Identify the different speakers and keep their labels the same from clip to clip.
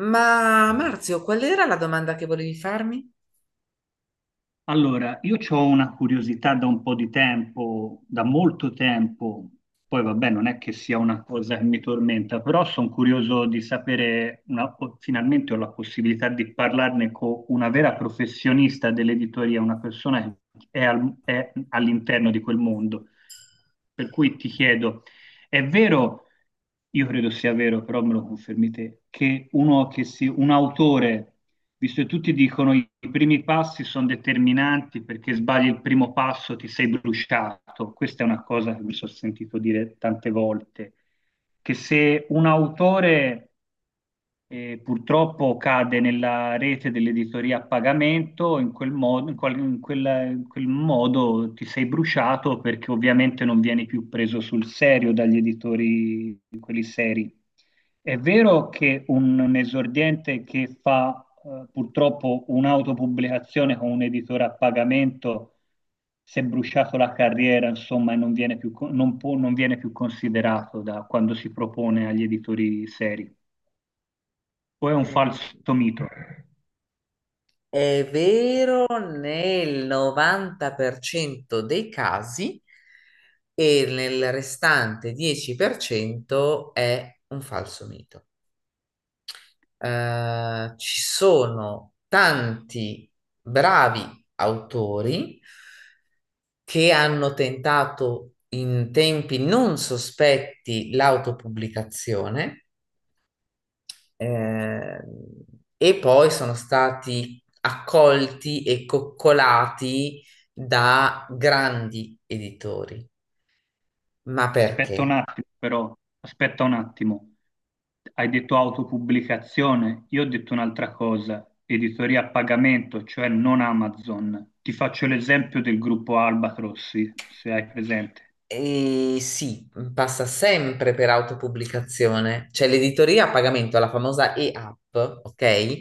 Speaker 1: Ma Marzio, qual era la domanda che volevi farmi?
Speaker 2: Allora, io ho una curiosità da un po' di tempo, da molto tempo, poi vabbè, non è che sia una cosa che mi tormenta, però sono curioso di sapere, finalmente ho la possibilità di parlarne con una vera professionista dell'editoria, una persona che è, è all'interno di quel mondo. Per cui ti chiedo, è vero, io credo sia vero, però me lo confermi te, che un autore visto che tutti dicono i primi passi sono determinanti perché sbagli il primo passo ti sei bruciato. Questa è una cosa che mi sono sentito dire tante volte, che se un autore e purtroppo cade nella rete dell'editoria a pagamento, in quel modo, in quel modo ti sei bruciato perché ovviamente non vieni più preso sul serio dagli editori, quelli seri. È vero che un esordiente che fa purtroppo un'autopubblicazione con un editore a pagamento si è bruciato la carriera, insomma, e non viene più, non viene più considerato da quando si propone agli editori seri o è un falso
Speaker 1: Mm,
Speaker 2: mito?
Speaker 1: È vero, nel 90% dei casi e nel restante 10% è un falso mito. Ci sono tanti bravi autori che hanno tentato in tempi non sospetti l'autopubblicazione. Eh, e poi sono stati accolti e coccolati da grandi editori. Ma
Speaker 2: Aspetta un
Speaker 1: perché?
Speaker 2: attimo, però, aspetta un attimo. Hai detto autopubblicazione, io ho detto un'altra cosa, editoria a pagamento, cioè non Amazon. Ti faccio l'esempio del gruppo Albatrossi, se hai presente.
Speaker 1: E sì, mhmm, passa sempre per autopubblicazione, cioè l'editoria a pagamento, la famosa e-app, ok?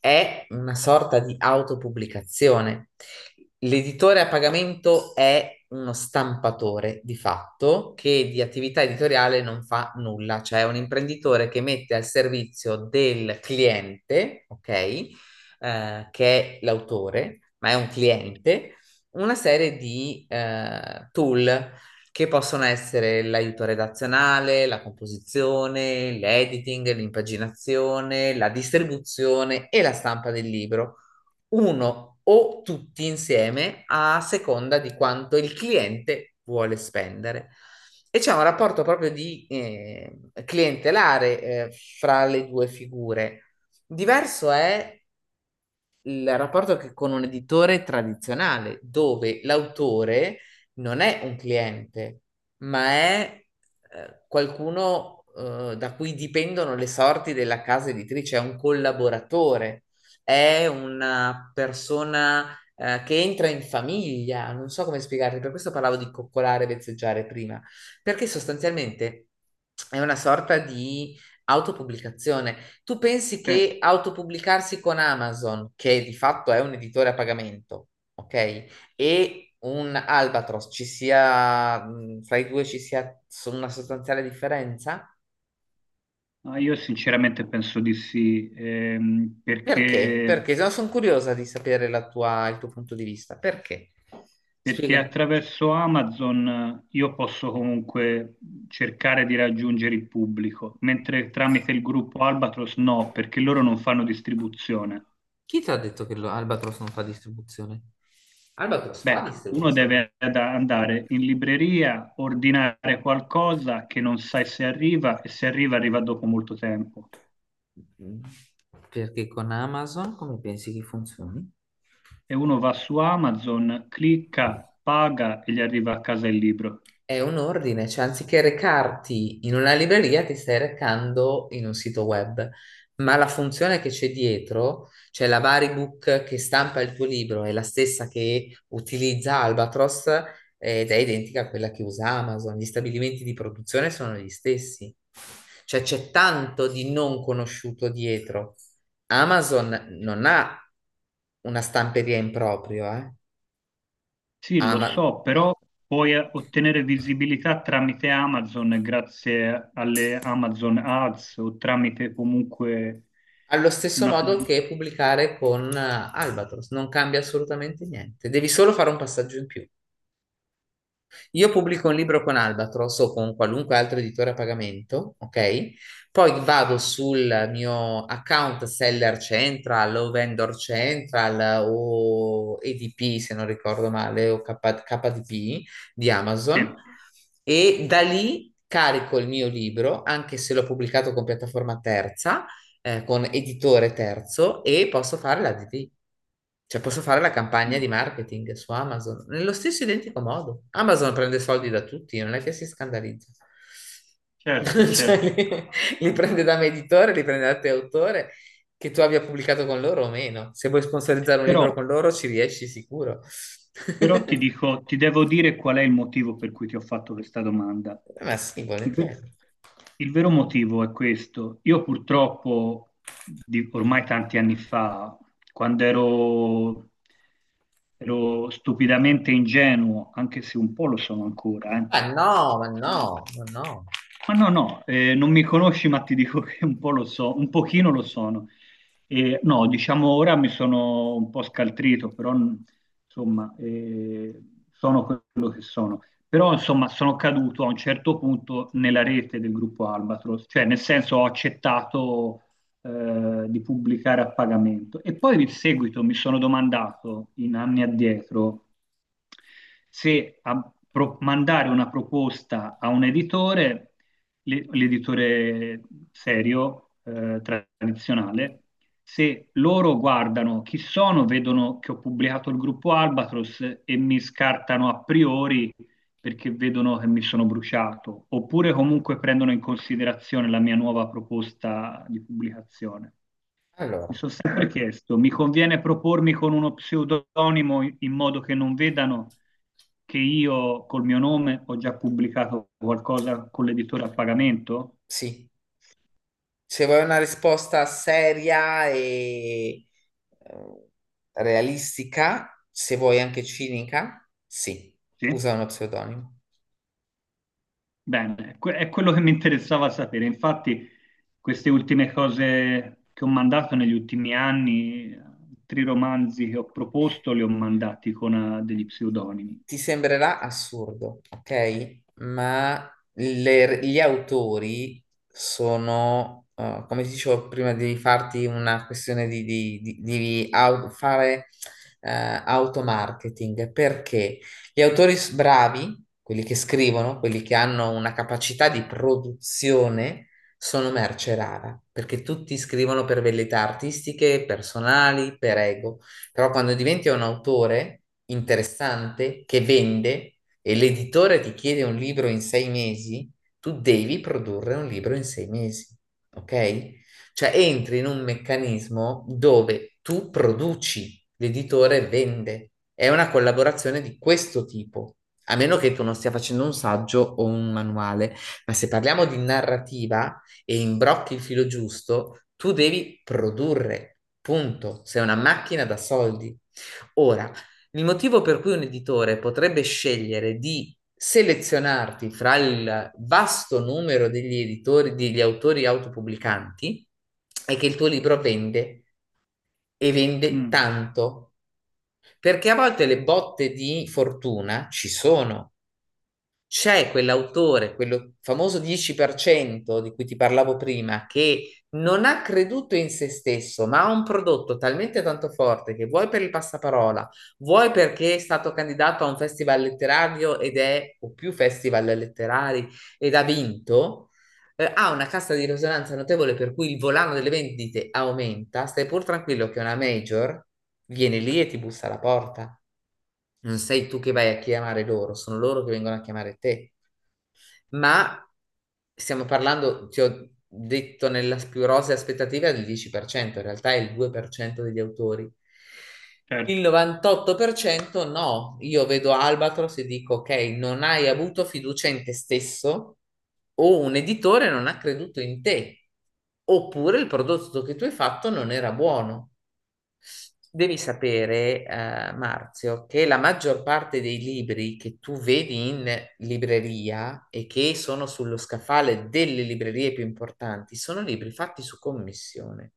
Speaker 1: È una sorta di autopubblicazione. L'editore a pagamento è uno stampatore di fatto che di attività editoriale non fa nulla, cioè è un imprenditore che mette al servizio del cliente, ok? Che è l'autore, ma è un cliente. Una serie di tool che possono essere l'aiuto redazionale, la composizione, l'editing, l'impaginazione, la distribuzione e la stampa del libro, uno o tutti insieme a seconda di quanto il cliente vuole spendere. E c'è un rapporto proprio di clientelare, fra le due figure. Diverso è il rapporto che con un editore tradizionale, dove l'autore non è un cliente, ma è qualcuno da cui dipendono le sorti della casa editrice, è un collaboratore, è una persona che entra in famiglia, non so come spiegarti, per questo parlavo di coccolare e vezzeggiare prima, perché sostanzialmente è una sorta di autopubblicazione. Tu pensi
Speaker 2: Certo.
Speaker 1: che autopubblicarsi con Amazon, che di fatto è un editore a pagamento, ok? E un Albatros ci sia, fra i due una sostanziale differenza?
Speaker 2: Ma io sinceramente penso di sì,
Speaker 1: Perché?
Speaker 2: perché
Speaker 1: Perché no, sono curiosa di sapere il tuo punto di vista. Perché?
Speaker 2: perché
Speaker 1: Spiega.
Speaker 2: attraverso Amazon io posso comunque cercare di raggiungere il pubblico, mentre tramite il gruppo Albatros no, perché loro non fanno distribuzione.
Speaker 1: Chi ti ha detto che Albatros non fa distribuzione? Albatros fa
Speaker 2: Beh, uno
Speaker 1: distribuzione.
Speaker 2: deve andare in libreria, ordinare qualcosa che non sai se arriva e se arriva arriva dopo molto tempo.
Speaker 1: Mm. Perché con Amazon come pensi che funzioni?
Speaker 2: E uno va su Amazon, clicca, paga e gli arriva a casa il libro.
Speaker 1: È un ordine, cioè anziché recarti in una libreria ti stai recando in un sito web, ma la funzione che c'è dietro, cioè la Varibook che stampa il tuo libro, è la stessa che utilizza Albatros, ed è identica a quella che usa Amazon. Gli stabilimenti di produzione sono gli stessi, cioè c'è tanto di non conosciuto dietro. Amazon non ha una stamperia in proprio, eh.
Speaker 2: Sì, lo
Speaker 1: Ama-
Speaker 2: so, però puoi ottenere visibilità tramite Amazon, grazie alle Amazon Ads o tramite comunque
Speaker 1: Allo stesso
Speaker 2: una...
Speaker 1: modo che pubblicare con Albatros, non cambia assolutamente niente, devi solo fare un passaggio in più. Io pubblico un libro con Albatros o con qualunque altro editore a pagamento, ok? Poi vado sul mio account Seller Central o Vendor Central o EDP, se non ricordo male, o KDP di
Speaker 2: Sì,
Speaker 1: Amazon e da lì carico il mio libro, anche se l'ho pubblicato con piattaforma terza, con editore terzo e posso fare la DD, cioè posso fare la campagna
Speaker 2: mm,
Speaker 1: di marketing su Amazon, nello stesso identico modo. Amazon prende soldi da tutti, non è che si scandalizza.
Speaker 2: certo,
Speaker 1: Cioè,
Speaker 2: certo.
Speaker 1: li prende da me editore, li prende da te autore, che tu abbia pubblicato con loro o meno. Se vuoi sponsorizzare un
Speaker 2: Però
Speaker 1: libro con loro ci riesci sicuro.
Speaker 2: però ti dico, ti devo dire qual è il motivo per cui ti ho fatto questa domanda.
Speaker 1: Ma sì,
Speaker 2: Il,
Speaker 1: volentieri.
Speaker 2: ver- il vero motivo è questo. Io purtroppo, ormai tanti anni fa, quando ero, ero stupidamente ingenuo, anche se un po' lo sono ancora,
Speaker 1: Ma no, ma no, ma no.
Speaker 2: ma no, no, non mi conosci, ma ti dico che un po' lo so, un pochino lo sono. No, diciamo ora mi sono un po' scaltrito, però insomma, sono quello che sono. Però insomma, sono caduto a un certo punto nella rete del gruppo Albatros, cioè nel senso ho accettato di pubblicare a pagamento. E poi in seguito mi sono domandato, in anni addietro, se mandare una proposta a un editore l'editore serio, tradizionale, se loro guardano chi sono, vedono che ho pubblicato il gruppo Albatros e mi scartano a priori perché vedono che mi sono bruciato, oppure comunque prendono in considerazione la mia nuova proposta di pubblicazione. Mi
Speaker 1: Allora,
Speaker 2: sono sempre chiesto, mi conviene propormi con uno pseudonimo in modo che non vedano che io col mio nome ho già pubblicato qualcosa con l'editore a pagamento?
Speaker 1: sì. Se vuoi una risposta seria e eh, realistica, se vuoi anche cinica, sì,
Speaker 2: Sì.
Speaker 1: usa uno pseudonimo.
Speaker 2: Bene, è quello che mi interessava sapere. Infatti, queste ultime cose che ho mandato negli ultimi anni, tre romanzi che ho proposto, li ho mandati con degli pseudonimi.
Speaker 1: Ti sembrerà assurdo, ok? Ma gli autori sono, come ti dicevo prima, di farti una questione di, fare automarketing, perché gli autori bravi, quelli che scrivono, quelli che hanno una capacità di produzione, sono merce rara, perché tutti scrivono per velleità artistiche, personali, per ego. Però quando diventi un autore interessante che vende e l'editore ti chiede un libro in 6 mesi, tu devi produrre un libro in 6 mesi, ok? Cioè entri in un meccanismo dove tu produci, l'editore vende. È una collaborazione di questo tipo, a meno che tu non stia facendo un saggio o un manuale. Ma se parliamo di narrativa e imbrocchi il filo giusto, tu devi produrre, punto. Sei una macchina da soldi. Ora, il motivo per cui un editore potrebbe scegliere di selezionarti fra il vasto numero degli editori, degli autori autopubblicanti, è che il tuo libro vende e vende
Speaker 2: Mm,
Speaker 1: tanto, perché a volte le botte di fortuna ci sono. C'è quell'autore, quello famoso 10% di cui ti parlavo prima, che non ha creduto in se stesso, ma ha un prodotto talmente tanto forte che vuoi per il passaparola, vuoi perché è stato candidato a un festival letterario ed è, o più festival letterari, ed ha vinto, ha una cassa di risonanza notevole per cui il volano delle vendite aumenta, stai pur tranquillo che una major viene lì e ti bussa alla porta. Non sei tu che vai a chiamare loro, sono loro che vengono a chiamare te, ma stiamo parlando, ti ho detto, nella più rosea aspettativa del 10%, in realtà è il 2% degli autori. Il
Speaker 2: certo,
Speaker 1: 98% no, io vedo Albatros e dico ok, non hai avuto fiducia in te stesso o un editore non ha creduto in te, oppure il prodotto che tu hai fatto non era buono. Devi sapere, Marzio, che la maggior parte dei libri che tu vedi in libreria e che sono sullo scaffale delle librerie più importanti sono libri fatti su commissione.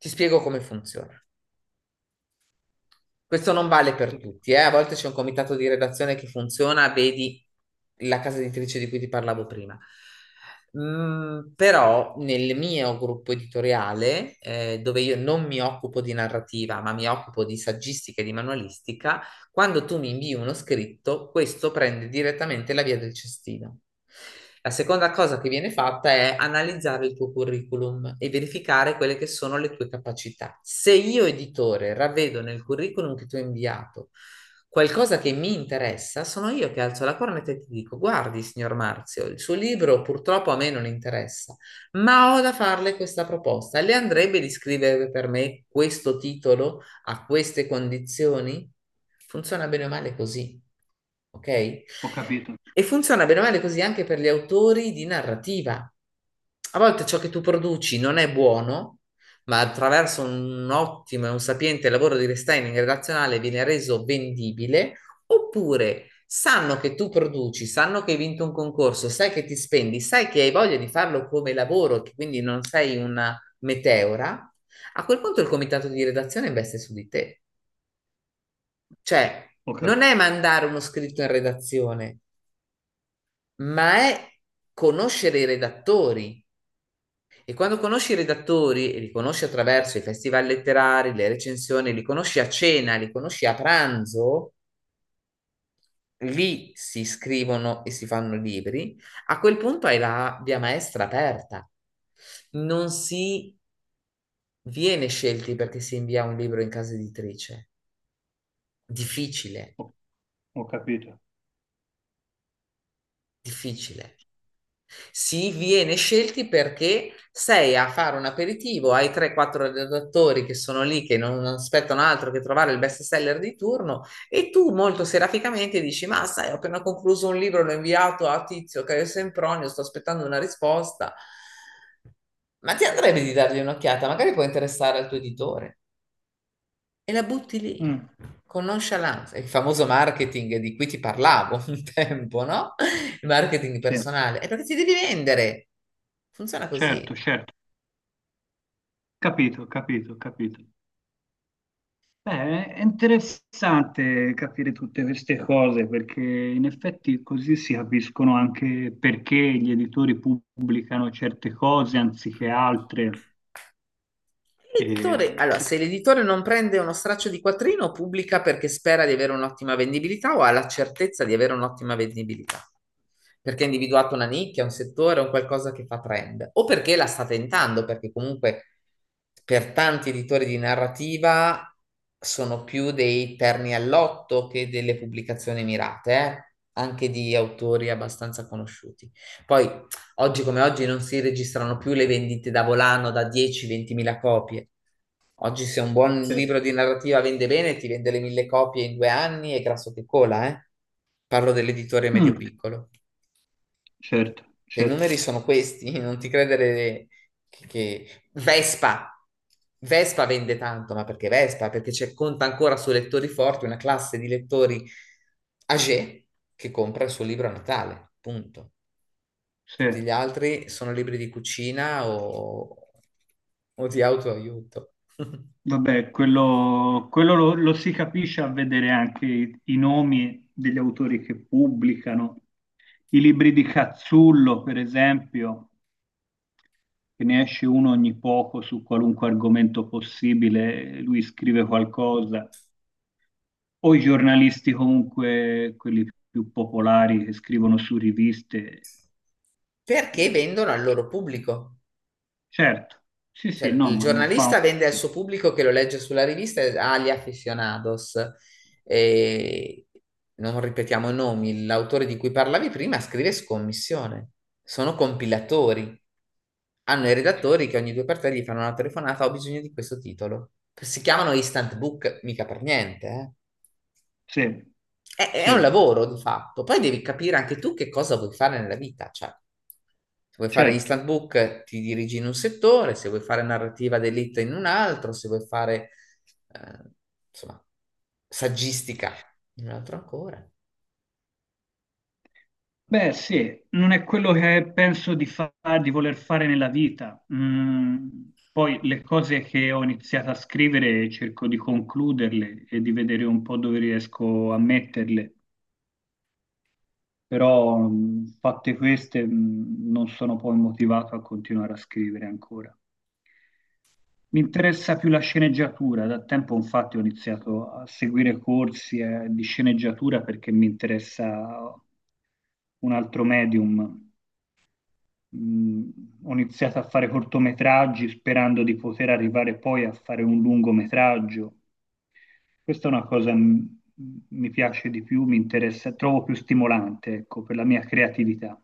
Speaker 1: Ti spiego come funziona. Questo non vale per tutti, eh. A volte c'è un comitato di redazione che funziona, vedi la casa editrice di cui ti parlavo prima. Mm, però nel mio gruppo editoriale, dove io non mi occupo di narrativa, ma mi occupo di saggistica e di manualistica, quando tu mi invii uno scritto, questo prende direttamente la via del cestino. La seconda cosa che viene fatta è analizzare il tuo curriculum e verificare quelle che sono le tue capacità. Se io, editore, ravvedo nel curriculum che tu hai inviato qualcosa che mi interessa, sono io che alzo la cornetta e ti dico: Guardi, signor Marzio, il suo libro purtroppo a me non interessa, ma ho da farle questa proposta. Le andrebbe di scrivere per me questo titolo? A queste condizioni, funziona bene o male così, ok?
Speaker 2: ho capito,
Speaker 1: E funziona bene o male così anche per gli autori di narrativa. A volte ciò che tu produci non è buono, ma attraverso un ottimo e un sapiente lavoro di restyling relazionale viene reso vendibile, oppure sanno che tu produci, sanno che hai vinto un concorso, sai che ti spendi, sai che hai voglia di farlo come lavoro, che quindi non sei una meteora, a quel punto il comitato di redazione investe su di te. Cioè,
Speaker 2: ho cap-
Speaker 1: non è mandare uno scritto in redazione, ma è conoscere i redattori. E quando conosci i redattori, e li conosci attraverso i festival letterari, le recensioni, li conosci a cena, li conosci a pranzo, lì si scrivono e si fanno libri, a quel punto hai la via maestra aperta. Non si viene scelti perché si invia un libro in casa editrice. Difficile,
Speaker 2: ho- ho capito.
Speaker 1: difficile. Si viene scelti perché sei a fare un aperitivo ai 3-4 redattori che sono lì, che non aspettano altro che trovare il best seller di turno, e tu molto seraficamente dici: Ma sai, ho appena concluso un libro, l'ho inviato a Tizio, Caio Sempronio, sto aspettando una risposta. Ma ti andrebbe di dargli un'occhiata? Magari può interessare al tuo editore e la butti lì
Speaker 2: Mm,
Speaker 1: con nonchalance. Il famoso marketing di cui ti parlavo un tempo, no? Il marketing
Speaker 2: sì.
Speaker 1: personale. È perché ti devi vendere. Funziona
Speaker 2: Certo,
Speaker 1: così.
Speaker 2: certo, capito, capito, capito. Beh, è interessante capire tutte queste cose perché in effetti così si capiscono anche perché gli editori pubblicano certe cose anziché altre. E
Speaker 1: Allora,
Speaker 2: sì,
Speaker 1: se l'editore non prende uno straccio di quattrino, pubblica perché spera di avere un'ottima vendibilità o ha la certezza di avere un'ottima vendibilità, perché ha individuato una nicchia, un settore, un qualcosa che fa trend, o perché la sta tentando, perché comunque per tanti editori di narrativa sono più dei terni all'otto che delle pubblicazioni mirate, anche di autori abbastanza conosciuti. Poi oggi come oggi non si registrano più le vendite da volano da 10-20 mila copie. Oggi se un buon
Speaker 2: certo.
Speaker 1: libro di narrativa vende bene, ti vende le mille copie in 2 anni e grasso che cola, eh? Parlo dell'editore
Speaker 2: Mm,
Speaker 1: medio-piccolo.
Speaker 2: certo,
Speaker 1: Cioè i
Speaker 2: certo,
Speaker 1: numeri sono questi, non ti credere che... che- Vespa! Vespa vende tanto, ma perché Vespa? Perché c'è, conta ancora su lettori forti una classe di lettori age che compra il suo libro a Natale, punto.
Speaker 2: sì.
Speaker 1: Tutti gli altri sono libri di cucina o di autoaiuto.
Speaker 2: Vabbè, quello lo si capisce a vedere anche i nomi degli autori che pubblicano. I libri di Cazzullo, per esempio. Che ne esce uno ogni poco su qualunque argomento possibile, lui scrive qualcosa, o i giornalisti comunque, quelli più popolari che scrivono su riviste.
Speaker 1: Perché
Speaker 2: eh,
Speaker 1: vendono al loro pubblico.
Speaker 2: certo, sì, sì,
Speaker 1: Cioè,
Speaker 2: no,
Speaker 1: il
Speaker 2: ma non fa
Speaker 1: giornalista vende al
Speaker 2: un...
Speaker 1: suo pubblico che lo legge sulla rivista agli aficionados. E non ripetiamo i nomi, l'autore di cui parlavi prima scrive scommissione. Sono compilatori. Hanno i redattori che ogni due per tre gli fanno una telefonata, ho bisogno di questo titolo. Si chiamano instant book, mica per niente, eh.
Speaker 2: Sì,
Speaker 1: È un
Speaker 2: sì,
Speaker 1: lavoro di fatto. Poi devi capire anche tu che cosa vuoi fare nella vita. Cioè, se vuoi fare
Speaker 2: certo.
Speaker 1: instant book, ti dirigi in un settore, se vuoi fare narrativa d'elite in un altro, se vuoi fare, eh, insomma, saggistica in un altro ancora.
Speaker 2: Beh, sì, non è quello che di voler fare nella vita. Mm, poi le cose che ho iniziato a scrivere cerco di concluderle e di vedere un po' dove riesco a metterle, però mm, fatte queste mm, non sono poi motivato a continuare a scrivere ancora. Mi interessa più la sceneggiatura, da tempo infatti ho iniziato a seguire corsi di sceneggiatura perché mi interessa un altro medium mh, ho iniziato a fare cortometraggi sperando di poter arrivare poi a fare un lungometraggio. Questa è una cosa che mi piace di più, mi interessa, trovo più stimolante, ecco, per la mia creatività.